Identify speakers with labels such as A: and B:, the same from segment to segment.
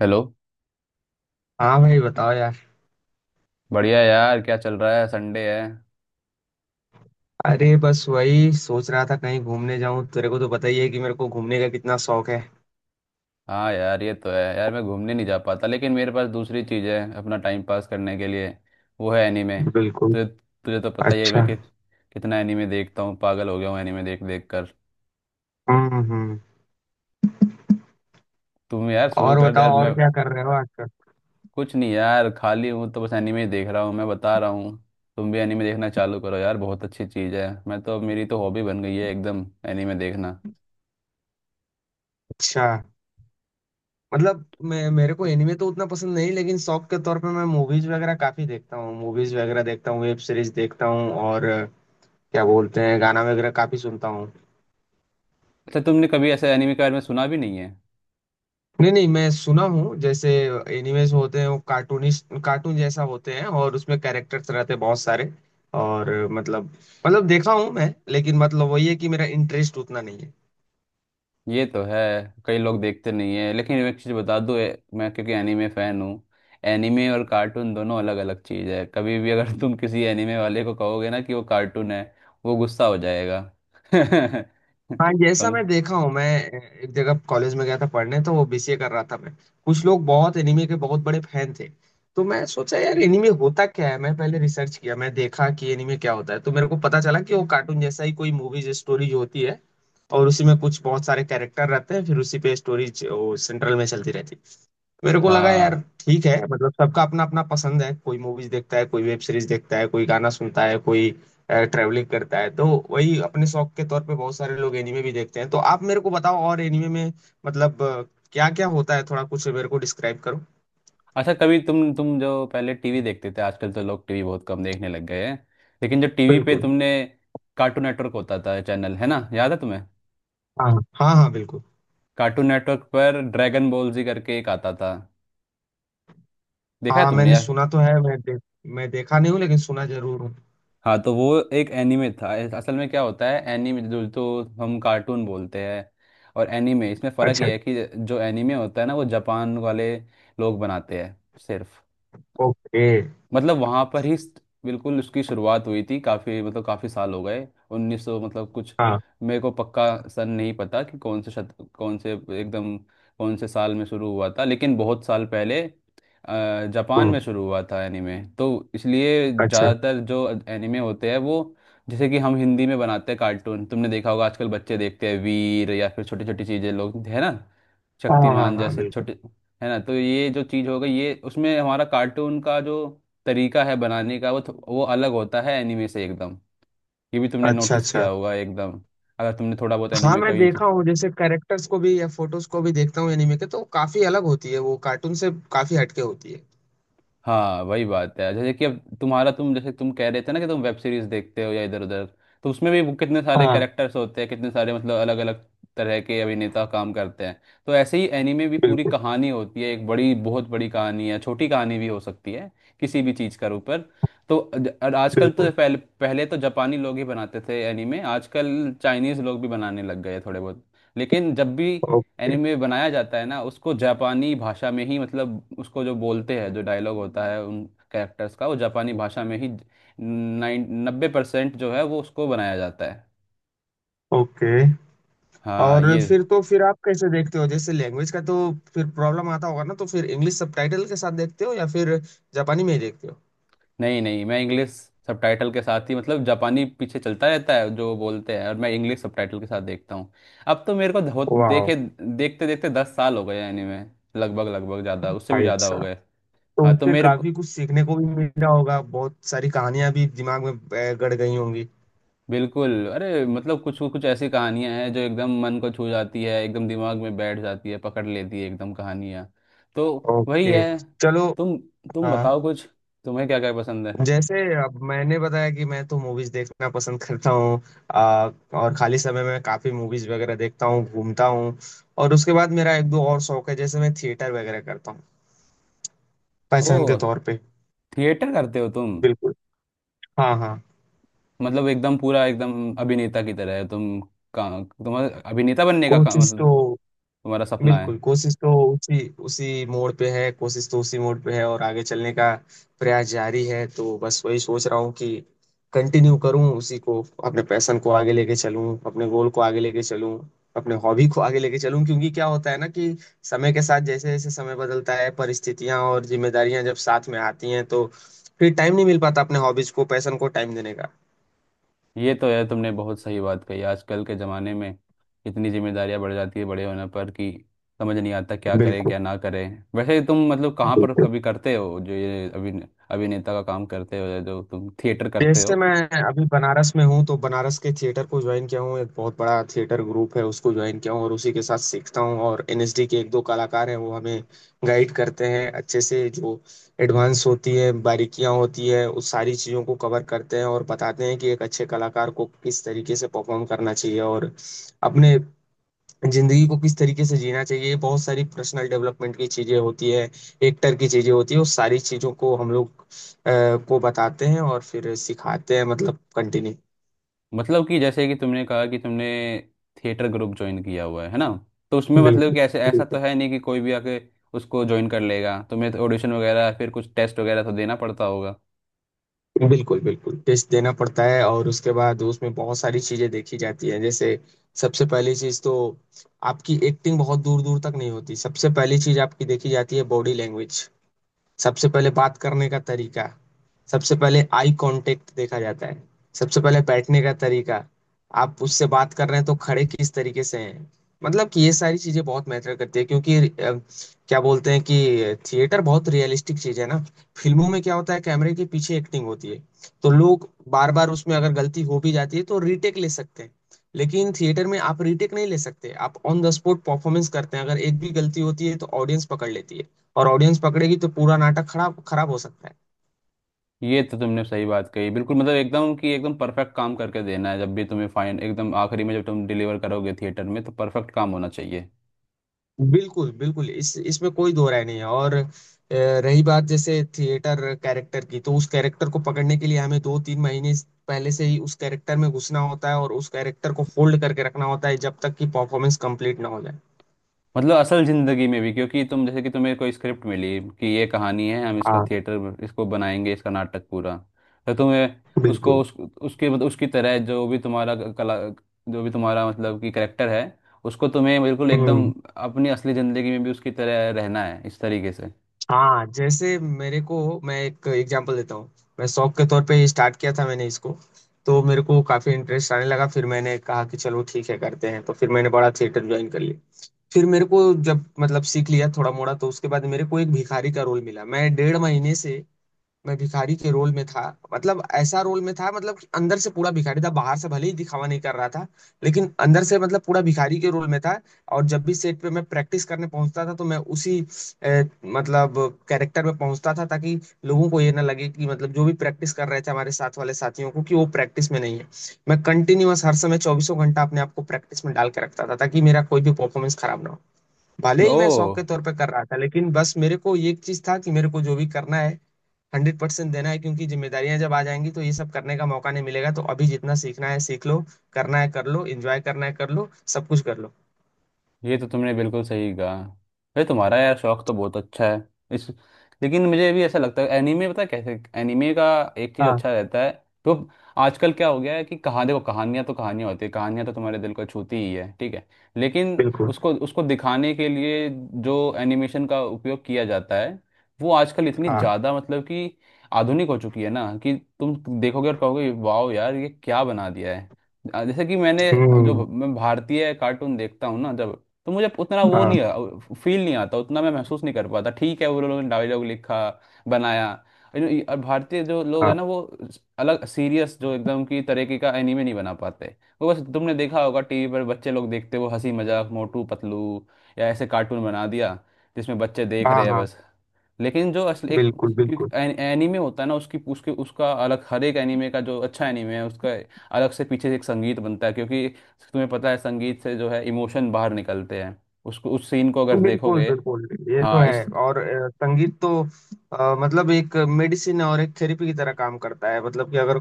A: Hello.
B: हाँ भाई बताओ यार।
A: बढ़िया यार, क्या चल रहा है? संडे है।
B: अरे बस वही सोच रहा था कहीं घूमने जाऊं तेरे को तो पता ही है कि मेरे को घूमने का कितना शौक है।
A: हाँ यार, ये तो है यार। मैं घूमने नहीं जा पाता, लेकिन मेरे पास दूसरी चीज़ है अपना टाइम पास करने के लिए। वो है एनीमे।
B: बिल्कुल।
A: तुझे तुझे तो पता ही है
B: अच्छा।
A: कितना एनीमे देखता हूँ। पागल हो गया हूँ एनीमे देख देख कर।
B: हम्म।
A: तुम यार शुरू
B: और
A: कर दे यार।
B: बताओ और
A: मैं
B: क्या कर रहे हो आजकल।
A: कुछ नहीं। यार खाली हूँ तो बस एनीमे ही देख रहा हूँ, मैं बता रहा हूँ। तुम भी एनीमे देखना चालू करो यार, बहुत अच्छी चीज़ है। मैं तो मेरी तो हॉबी बन गई है एकदम, एनीमे देखना।
B: अच्छा। मतलब मैं मेरे को एनिमे तो उतना पसंद नहीं लेकिन शौक के तौर पे मैं मूवीज वगैरह काफी देखता हूँ मूवीज वगैरह देखता हूँ वेब सीरीज देखता हूँ और क्या बोलते हैं गाना वगैरह काफी सुनता हूँ।
A: अच्छा, तुमने कभी ऐसे एनीमे के बारे में सुना भी नहीं है?
B: नहीं नहीं मैं सुना हूँ जैसे एनिमेज होते हैं वो कार्टून जैसा होते हैं और उसमें कैरेक्टर्स रहते हैं बहुत सारे। और मतलब देखा हूँ मैं लेकिन मतलब वही है कि मेरा इंटरेस्ट उतना नहीं है।
A: ये तो है, कई लोग देखते नहीं है। लेकिन एक चीज बता दूं, मैं क्योंकि एनीमे फैन हूँ। एनीमे और कार्टून दोनों अलग अलग चीज है। कभी भी अगर तुम किसी एनीमे वाले को कहोगे ना कि वो कार्टून है, वो गुस्सा हो जाएगा।
B: हाँ जैसा
A: तुम।
B: मैं देखा हूँ मैं एक जगह कॉलेज में गया था पढ़ने तो वो बीसीए कर रहा था मैं कुछ लोग बहुत एनीमे के बहुत बड़े फैन थे तो मैं सोचा यार एनीमे होता क्या है मैं पहले रिसर्च किया मैं देखा कि एनीमे क्या होता है तो मेरे को पता चला कि वो कार्टून जैसा ही कोई मूवीज स्टोरी जो होती है और उसी में कुछ बहुत सारे कैरेक्टर रहते हैं फिर उसी पे स्टोरीज सेंट्रल में चलती रहती है। मेरे को लगा यार
A: हाँ।
B: ठीक है मतलब सबका अपना अपना पसंद है कोई मूवीज देखता है कोई वेब सीरीज देखता है कोई गाना सुनता है कोई ट्रैवलिंग करता है तो वही अपने शौक के तौर पे बहुत सारे लोग एनिमे भी देखते हैं। तो आप मेरे को बताओ और एनिमे में मतलब क्या क्या होता है थोड़ा कुछ मेरे को डिस्क्राइब करो।
A: अच्छा, कभी तुम जो पहले टीवी देखते थे, आजकल तो लोग टीवी बहुत कम देखने लग गए हैं। लेकिन जो टीवी पे
B: बिल्कुल।
A: तुमने, कार्टून नेटवर्क होता था चैनल, है ना, याद है तुम्हें?
B: हाँ हाँ हाँ बिल्कुल।
A: कार्टून नेटवर्क पर ड्रैगन बॉल जी करके एक आता था, देखा है
B: हाँ
A: तुमने
B: मैंने
A: यार?
B: सुना तो है मैं मैं देखा नहीं हूँ लेकिन सुना जरूर हूँ।
A: हाँ, तो वो एक एनीमे था। असल में क्या होता है, एनीमे जो तो हम कार्टून बोलते हैं, और एनीमे, इसमें फ़र्क
B: अच्छा।
A: ये है कि जो एनीमे होता है ना वो जापान वाले लोग बनाते हैं सिर्फ।
B: ओके।
A: मतलब वहां पर ही बिल्कुल उसकी शुरुआत हुई थी। काफी मतलब काफी साल हो गए, 1900 मतलब कुछ,
B: हाँ।
A: मेरे को पक्का सन नहीं पता कि कौन से एकदम कौन से साल में शुरू हुआ था, लेकिन बहुत साल पहले जापान में
B: हम्म।
A: शुरू हुआ था एनीमे। तो इसलिए
B: अच्छा।
A: ज़्यादातर जो एनीमे होते हैं, वो, जैसे कि हम हिंदी में बनाते हैं कार्टून, तुमने देखा होगा आजकल बच्चे देखते हैं वीर, या फिर छोटी छोटी चीज़ें लोग, है ना,
B: हाँ हाँ
A: शक्तिमान
B: हाँ
A: जैसे
B: बिल्कुल।
A: छोटे, है ना, तो ये जो चीज़ हो गई, ये, उसमें हमारा कार्टून का जो तरीका है बनाने का, वो वो अलग होता है एनिमे से एकदम। ये भी तुमने
B: अच्छा
A: नोटिस किया
B: अच्छा।
A: होगा एकदम, अगर तुमने थोड़ा बहुत
B: हाँ
A: एनिमे
B: मैं
A: कभी।
B: देखा हूँ जैसे कैरेक्टर्स को भी या फोटोज को भी देखता हूँ एनिमे के तो काफी अलग होती है वो कार्टून से काफी हटके होती है।
A: हाँ वही बात है। जैसे कि अब तुम जैसे तुम कह रहे थे ना कि तुम वेब सीरीज देखते हो या इधर उधर, तो उसमें भी वो कितने सारे
B: हाँ
A: कैरेक्टर्स होते हैं, कितने सारे मतलब अलग अलग तरह के अभिनेता काम करते हैं। तो ऐसे ही एनीमे भी, पूरी
B: बिल्कुल
A: कहानी होती है, एक बड़ी बहुत बड़ी कहानी है, छोटी कहानी भी हो सकती है, किसी भी चीज़ का ऊपर। तो और आजकल तो,
B: बिल्कुल।
A: पहले पहले तो जापानी लोग ही बनाते थे एनीमे, आजकल चाइनीज लोग भी बनाने लग गए थोड़े बहुत। लेकिन जब भी
B: ओके
A: एनिमे बनाया जाता है ना, उसको जापानी भाषा में ही, मतलब उसको जो बोलते हैं, जो डायलॉग होता है उन कैरेक्टर्स का, वो जापानी भाषा में ही, 90% जो है वो, उसको बनाया जाता है।
B: ओके।
A: हाँ
B: और
A: ये।
B: फिर तो फिर आप कैसे देखते हो जैसे लैंग्वेज का तो फिर प्रॉब्लम आता होगा ना तो फिर इंग्लिश सबटाइटल के साथ देखते हो या फिर जापानी में ही देखते हो।
A: नहीं नहीं, मैं इंग्लिश सबटाइटल के साथ ही, मतलब जापानी पीछे चलता रहता है जो बोलते हैं, और मैं इंग्लिश सबटाइटल के साथ देखता हूँ। अब तो मेरे को
B: वाह।
A: देखे, देखते देखते 10 साल हो गए एनिमे, लगभग लगभग, ज़्यादा, उससे भी
B: भाई
A: ज़्यादा हो
B: साहब।
A: गए।
B: तो
A: हाँ तो
B: उससे
A: मेरे,
B: काफी कुछ सीखने को भी मिला होगा बहुत सारी कहानियां भी दिमाग में गड़ गई होंगी।
A: बिल्कुल, अरे मतलब कुछ कुछ ऐसी कहानियां हैं जो एकदम मन को छू जाती है, एकदम दिमाग में बैठ जाती है, पकड़ लेती है एकदम कहानियां। तो वही
B: ओके।
A: है।
B: चलो।
A: तुम तुम
B: हाँ
A: बताओ कुछ, तुम्हें क्या क्या पसंद है?
B: जैसे अब मैंने बताया कि मैं तो मूवीज देखना पसंद करता हूँ आ, और खाली समय में काफी मूवीज वगैरह देखता हूँ घूमता हूँ और उसके बाद मेरा एक दो और शौक है जैसे मैं थिएटर वगैरह करता हूँ पैशन के
A: ओ,
B: तौर पे।
A: थिएटर करते हो तुम?
B: बिल्कुल। हाँ हाँ।
A: मतलब एकदम पूरा एकदम अभिनेता की तरह है का तुम्हारा अभिनेता बनने का
B: कोशिश तो।
A: मतलब तुम्हारा सपना है?
B: बिल्कुल कोशिश तो उसी उसी मोड़ पे है कोशिश तो उसी मोड़ पे है और आगे चलने का प्रयास जारी है तो बस वही सोच रहा हूँ कि कंटिन्यू करूँ उसी को अपने पैशन को आगे लेके चलूँ अपने गोल को आगे लेके चलूँ अपने हॉबी को आगे लेके चलूँ क्योंकि क्या होता है ना कि समय के साथ जैसे जैसे समय बदलता है परिस्थितियां और जिम्मेदारियां जब साथ में आती हैं तो फिर टाइम नहीं मिल पाता अपने हॉबीज को पैशन को टाइम देने का।
A: ये तो है, तुमने बहुत सही बात कही, आजकल के ज़माने में इतनी जिम्मेदारियां बढ़ जाती है बड़े होने पर कि समझ नहीं आता क्या करे
B: बिल्कुल।
A: क्या ना करे। वैसे तुम मतलब कहाँ पर कभी करते हो जो ये अभिनेता का काम करते हो, या जो तुम थिएटर करते
B: जैसे
A: हो?
B: मैं अभी बनारस में हूँ तो बनारस के थिएटर को ज्वाइन किया हूँ एक बहुत बड़ा थिएटर ग्रुप है उसको ज्वाइन किया हूँ और उसी के साथ सीखता हूँ और एनएसडी के एक दो कलाकार हैं वो हमें गाइड करते हैं अच्छे से जो एडवांस होती है बारीकियाँ होती है उस सारी चीज़ों को कवर करते हैं और बताते हैं कि एक अच्छे कलाकार को किस तरीके से परफॉर्म करना चाहिए और अपने जिंदगी को किस तरीके से जीना चाहिए बहुत सारी पर्सनल डेवलपमेंट की चीजें होती है एक्टर की चीजें होती है उस सारी चीजों को हम लोग को बताते हैं और फिर सिखाते हैं मतलब कंटिन्यू।
A: मतलब कि, जैसे कि तुमने कहा कि तुमने थिएटर ग्रुप ज्वाइन किया हुआ है ना, तो उसमें मतलब
B: बिल्कुल
A: कि ऐसे, ऐसा तो
B: बिल्कुल।
A: है नहीं कि कोई भी आके उसको ज्वाइन कर लेगा, तुम्हें तो ऑडिशन वगैरह, फिर कुछ टेस्ट वगैरह तो देना पड़ता होगा।
B: बिल्कुल बिल्कुल टेस्ट देना पड़ता है और उसके बाद उसमें बहुत सारी चीजें देखी जाती हैं जैसे सबसे पहली चीज तो आपकी एक्टिंग बहुत दूर दूर तक नहीं होती सबसे पहली चीज आपकी देखी जाती है बॉडी लैंग्वेज। सबसे पहले बात करने का तरीका। सबसे पहले आई कांटेक्ट देखा जाता है। सबसे पहले बैठने का तरीका। आप उससे बात कर रहे हैं तो खड़े किस तरीके से हैं। मतलब कि ये सारी चीजें बहुत मैटर करती है क्योंकि क्या बोलते हैं कि थिएटर बहुत रियलिस्टिक चीज है ना। फिल्मों में क्या होता है कैमरे के पीछे एक्टिंग होती है तो लोग बार बार उसमें अगर गलती हो भी जाती है तो रीटेक ले सकते हैं। लेकिन थिएटर में आप रीटेक नहीं ले सकते आप ऑन द स्पॉट परफॉर्मेंस करते हैं अगर एक भी गलती होती है तो ऑडियंस पकड़ लेती है और ऑडियंस पकड़ेगी तो पूरा नाटक खराब खराब हो सकता है।
A: ये तो तुमने सही बात कही बिल्कुल। मतलब एकदम कि एकदम परफेक्ट काम करके देना है जब भी तुम्हें, फाइन, एकदम आखिरी में जब तुम डिलीवर करोगे थिएटर में, तो परफेक्ट काम होना चाहिए।
B: बिल्कुल बिल्कुल इस इसमें कोई दो राय नहीं है और रही बात जैसे थिएटर कैरेक्टर की तो उस कैरेक्टर को पकड़ने के लिए हमें 2-3 महीने पहले से ही उस कैरेक्टर में घुसना होता है और उस कैरेक्टर को होल्ड करके रखना होता है जब तक कि परफॉर्मेंस कंप्लीट ना हो जाए।
A: मतलब असल जिंदगी में भी, क्योंकि तुम, जैसे कि तुम्हें कोई स्क्रिप्ट मिली कि ये कहानी है, हम इसका
B: हाँ।
A: थिएटर, इसको बनाएंगे इसका नाटक पूरा, तो तुम्हें उसको
B: बिल्कुल।
A: उसके मतलब उसकी तरह, जो भी तुम्हारा कला, जो भी तुम्हारा मतलब कि करेक्टर है, उसको तुम्हें बिल्कुल एकदम
B: हम्म।
A: अपनी असली जिंदगी में भी उसकी तरह रहना है इस तरीके से।
B: हाँ जैसे मेरे को मैं एक एग्जांपल देता हूँ मैं शौक के तौर पे स्टार्ट किया था मैंने इसको तो मेरे को काफी इंटरेस्ट आने लगा फिर मैंने कहा कि चलो ठीक है करते हैं तो फिर मैंने बड़ा थिएटर ज्वाइन कर लिया फिर मेरे को जब मतलब सीख लिया थोड़ा मोड़ा तो उसके बाद मेरे को एक भिखारी का रोल मिला मैं 1.5 महीने से मैं भिखारी के रोल में था। मतलब ऐसा रोल में था मतलब कि अंदर से पूरा भिखारी था बाहर से भले ही दिखावा नहीं कर रहा था लेकिन अंदर से मतलब पूरा भिखारी के रोल में था। और जब भी सेट पे मैं प्रैक्टिस करने पहुंचता था तो मैं उसी मतलब कैरेक्टर में पहुंचता था ताकि लोगों को ये ना लगे कि मतलब जो भी प्रैक्टिस कर रहे थे हमारे साथ वाले साथियों को कि वो प्रैक्टिस में नहीं है। मैं कंटिन्यूअस हर समय चौबीसों घंटा अपने आप को प्रैक्टिस में डाल के रखता था ताकि मेरा कोई भी परफॉर्मेंस खराब ना हो। भले ही
A: ओ।
B: मैं शौक के तौर पे कर रहा था लेकिन बस मेरे को ये एक चीज था कि मेरे को जो भी करना है 100% देना है क्योंकि जिम्मेदारियां जब आ जाएंगी तो ये सब करने का मौका नहीं मिलेगा तो अभी जितना सीखना है सीख लो करना है कर लो एंजॉय करना है कर लो सब कुछ कर लो।
A: ये तो तुमने बिल्कुल सही कहा। भाई तुम्हारा यार शौक तो बहुत अच्छा है इस, लेकिन मुझे भी ऐसा लगता है एनीमे, पता है कैसे, एनीमे का एक चीज़
B: हाँ।
A: अच्छा रहता है। तो आजकल क्या हो गया है कि, कहा देखो, कहानियां तो कहानियां होती है, कहानियां तो तुम्हारे दिल को छूती ही है, ठीक है, लेकिन
B: बिल्कुल।
A: उसको उसको दिखाने के लिए जो एनिमेशन का उपयोग किया जाता है, वो आजकल इतनी
B: हाँ।
A: ज़्यादा मतलब कि आधुनिक हो चुकी है ना कि तुम देखोगे और कहोगे वाओ यार, ये क्या बना दिया है। जैसे कि मैंने, जो
B: हम्म।
A: मैं भारतीय कार्टून देखता हूँ ना जब, तो मुझे उतना वो
B: हाँ
A: नहीं, फील नहीं आता, उतना मैं महसूस नहीं कर पाता। ठीक है वो लोगों ने डायलॉग लिखा, बनाया, लेकिन और भारतीय जो लोग
B: हाँ
A: हैं ना, वो अलग सीरियस जो एकदम की तरीके का एनीमे नहीं बना पाते। वो बस, तुमने देखा होगा टीवी पर बच्चे लोग देखते वो हंसी मजाक, मोटू पतलू या ऐसे कार्टून बना दिया जिसमें बच्चे देख रहे
B: हाँ
A: हैं
B: हाँ
A: बस। लेकिन जो असल एक,
B: बिल्कुल
A: क्योंकि
B: बिल्कुल
A: एनीमे होता है ना, उसकी उसके उसका अलग, हर एक एनीमे का, जो अच्छा एनीमे है उसका, अलग से पीछे एक संगीत बनता है, क्योंकि तुम्हें पता है संगीत से जो है इमोशन बाहर निकलते हैं, उसको उस सीन को अगर
B: बिल्कुल
A: देखोगे।
B: बिल्कुल। ये तो
A: हाँ
B: है
A: इस,
B: और संगीत तो मतलब एक मेडिसिन और एक थेरेपी की तरह काम करता है मतलब कि अगर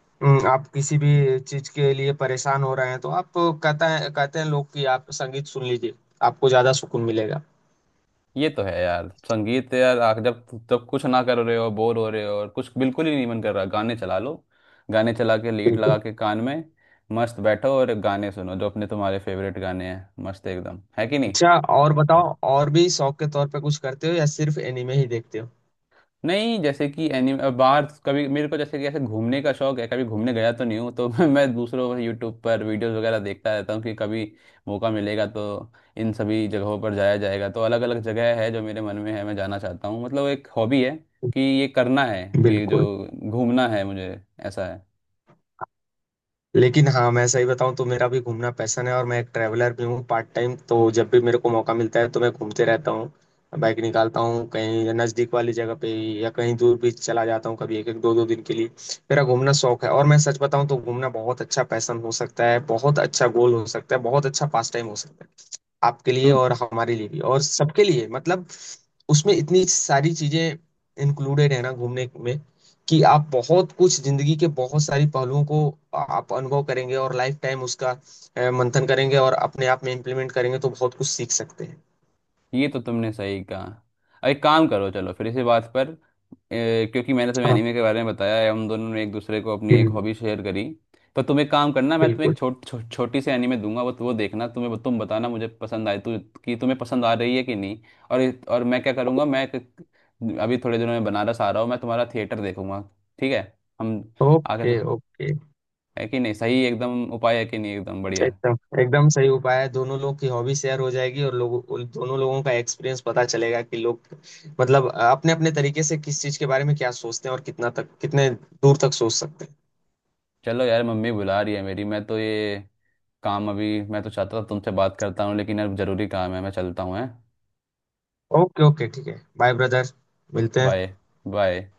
B: आप किसी भी चीज के लिए परेशान हो रहे हैं तो आप कहते हैं लोग कि आप संगीत सुन लीजिए आपको ज्यादा सुकून मिलेगा।
A: ये तो है यार, संगीत है यार। जब, जब कुछ ना कर रहे हो, बोर हो रहे हो और कुछ बिल्कुल ही नहीं मन कर रहा, गाने चला लो, गाने चला के लीड
B: बिल्कुल।
A: लगा के कान में, मस्त बैठो और गाने सुनो, जो अपने तुम्हारे फेवरेट गाने हैं, मस्त एकदम, है कि नहीं?
B: अच्छा और बताओ और भी शौक के तौर पे कुछ करते हो या सिर्फ एनिमे ही देखते हो।
A: नहीं, जैसे कि एनिमे बाहर कभी मेरे को, जैसे कि ऐसे घूमने का शौक है, कभी घूमने गया तो नहीं हूँ, तो मैं दूसरों यूट्यूब पर वीडियोस वगैरह देखता रहता हूँ कि कभी मौका मिलेगा तो इन सभी जगहों पर जाया जाएगा। तो अलग अलग जगह है जो मेरे मन में है, मैं जाना चाहता हूँ, मतलब एक हॉबी है कि ये करना है, ये जो
B: बिल्कुल।
A: घूमना है मुझे, ऐसा है।
B: लेकिन हाँ मैं सही बताऊँ तो मेरा भी घूमना पैशन है और मैं एक ट्रैवलर भी हूँ पार्ट टाइम तो जब भी मेरे को मौका मिलता है तो मैं घूमते रहता हूँ बाइक निकालता हूँ कहीं नज़दीक वाली जगह पे ही, या कहीं दूर भी चला जाता हूँ कभी एक एक दो दो दिन के लिए। मेरा घूमना शौक है और मैं सच बताऊँ तो घूमना बहुत अच्छा पैशन हो सकता है बहुत अच्छा गोल हो सकता है बहुत अच्छा पास टाइम हो सकता है आपके लिए
A: तो
B: और हमारे लिए भी और सबके लिए मतलब उसमें इतनी सारी चीजें इंक्लूडेड है ना घूमने में कि आप बहुत कुछ जिंदगी के बहुत सारी पहलुओं को आप अनुभव करेंगे और लाइफ टाइम उसका मंथन करेंगे और अपने आप में इम्प्लीमेंट करेंगे तो बहुत कुछ सीख सकते हैं।
A: ये तो तुमने सही कहा। एक काम करो, चलो फिर इसी बात पर, क्योंकि मैंने तुम्हें
B: हाँ।
A: एनीमे के बारे में बताया है, हम दोनों ने एक दूसरे को अपनी एक
B: हम्म।
A: हॉबी शेयर करी, तो तुम एक काम करना, मैं तुम्हें एक
B: बिल्कुल।
A: छोटी सी एनीमे दूंगा, वो देखना, तुम्हें, तुम बताना मुझे कि तुम्हें पसंद आ रही है कि नहीं। और और मैं क्या करूँगा, अभी थोड़े दिनों में बनारस आ रहा हूँ, मैं तुम्हारा थिएटर देखूंगा। ठीक है हम, आगे तो,
B: ओके ओके।
A: है कि नहीं सही, एकदम उपाय है कि नहीं एकदम बढ़िया?
B: एकदम एकदम सही उपाय है दोनों लोग की हॉबी शेयर हो जाएगी और लोगों उन दोनों लोगों का एक्सपीरियंस पता चलेगा कि लोग मतलब अपने अपने तरीके से किस चीज के बारे में क्या सोचते हैं और कितना तक कितने दूर तक सोच सकते हैं।
A: चलो यार, मम्मी बुला रही है मेरी, मैं तो ये काम अभी, मैं तो चाहता था तुमसे बात करता हूँ, लेकिन अब जरूरी काम है, मैं चलता हूँ, है।
B: ओके ओके ठीक है बाय ब्रदर मिलते हैं।
A: बाय। बाय।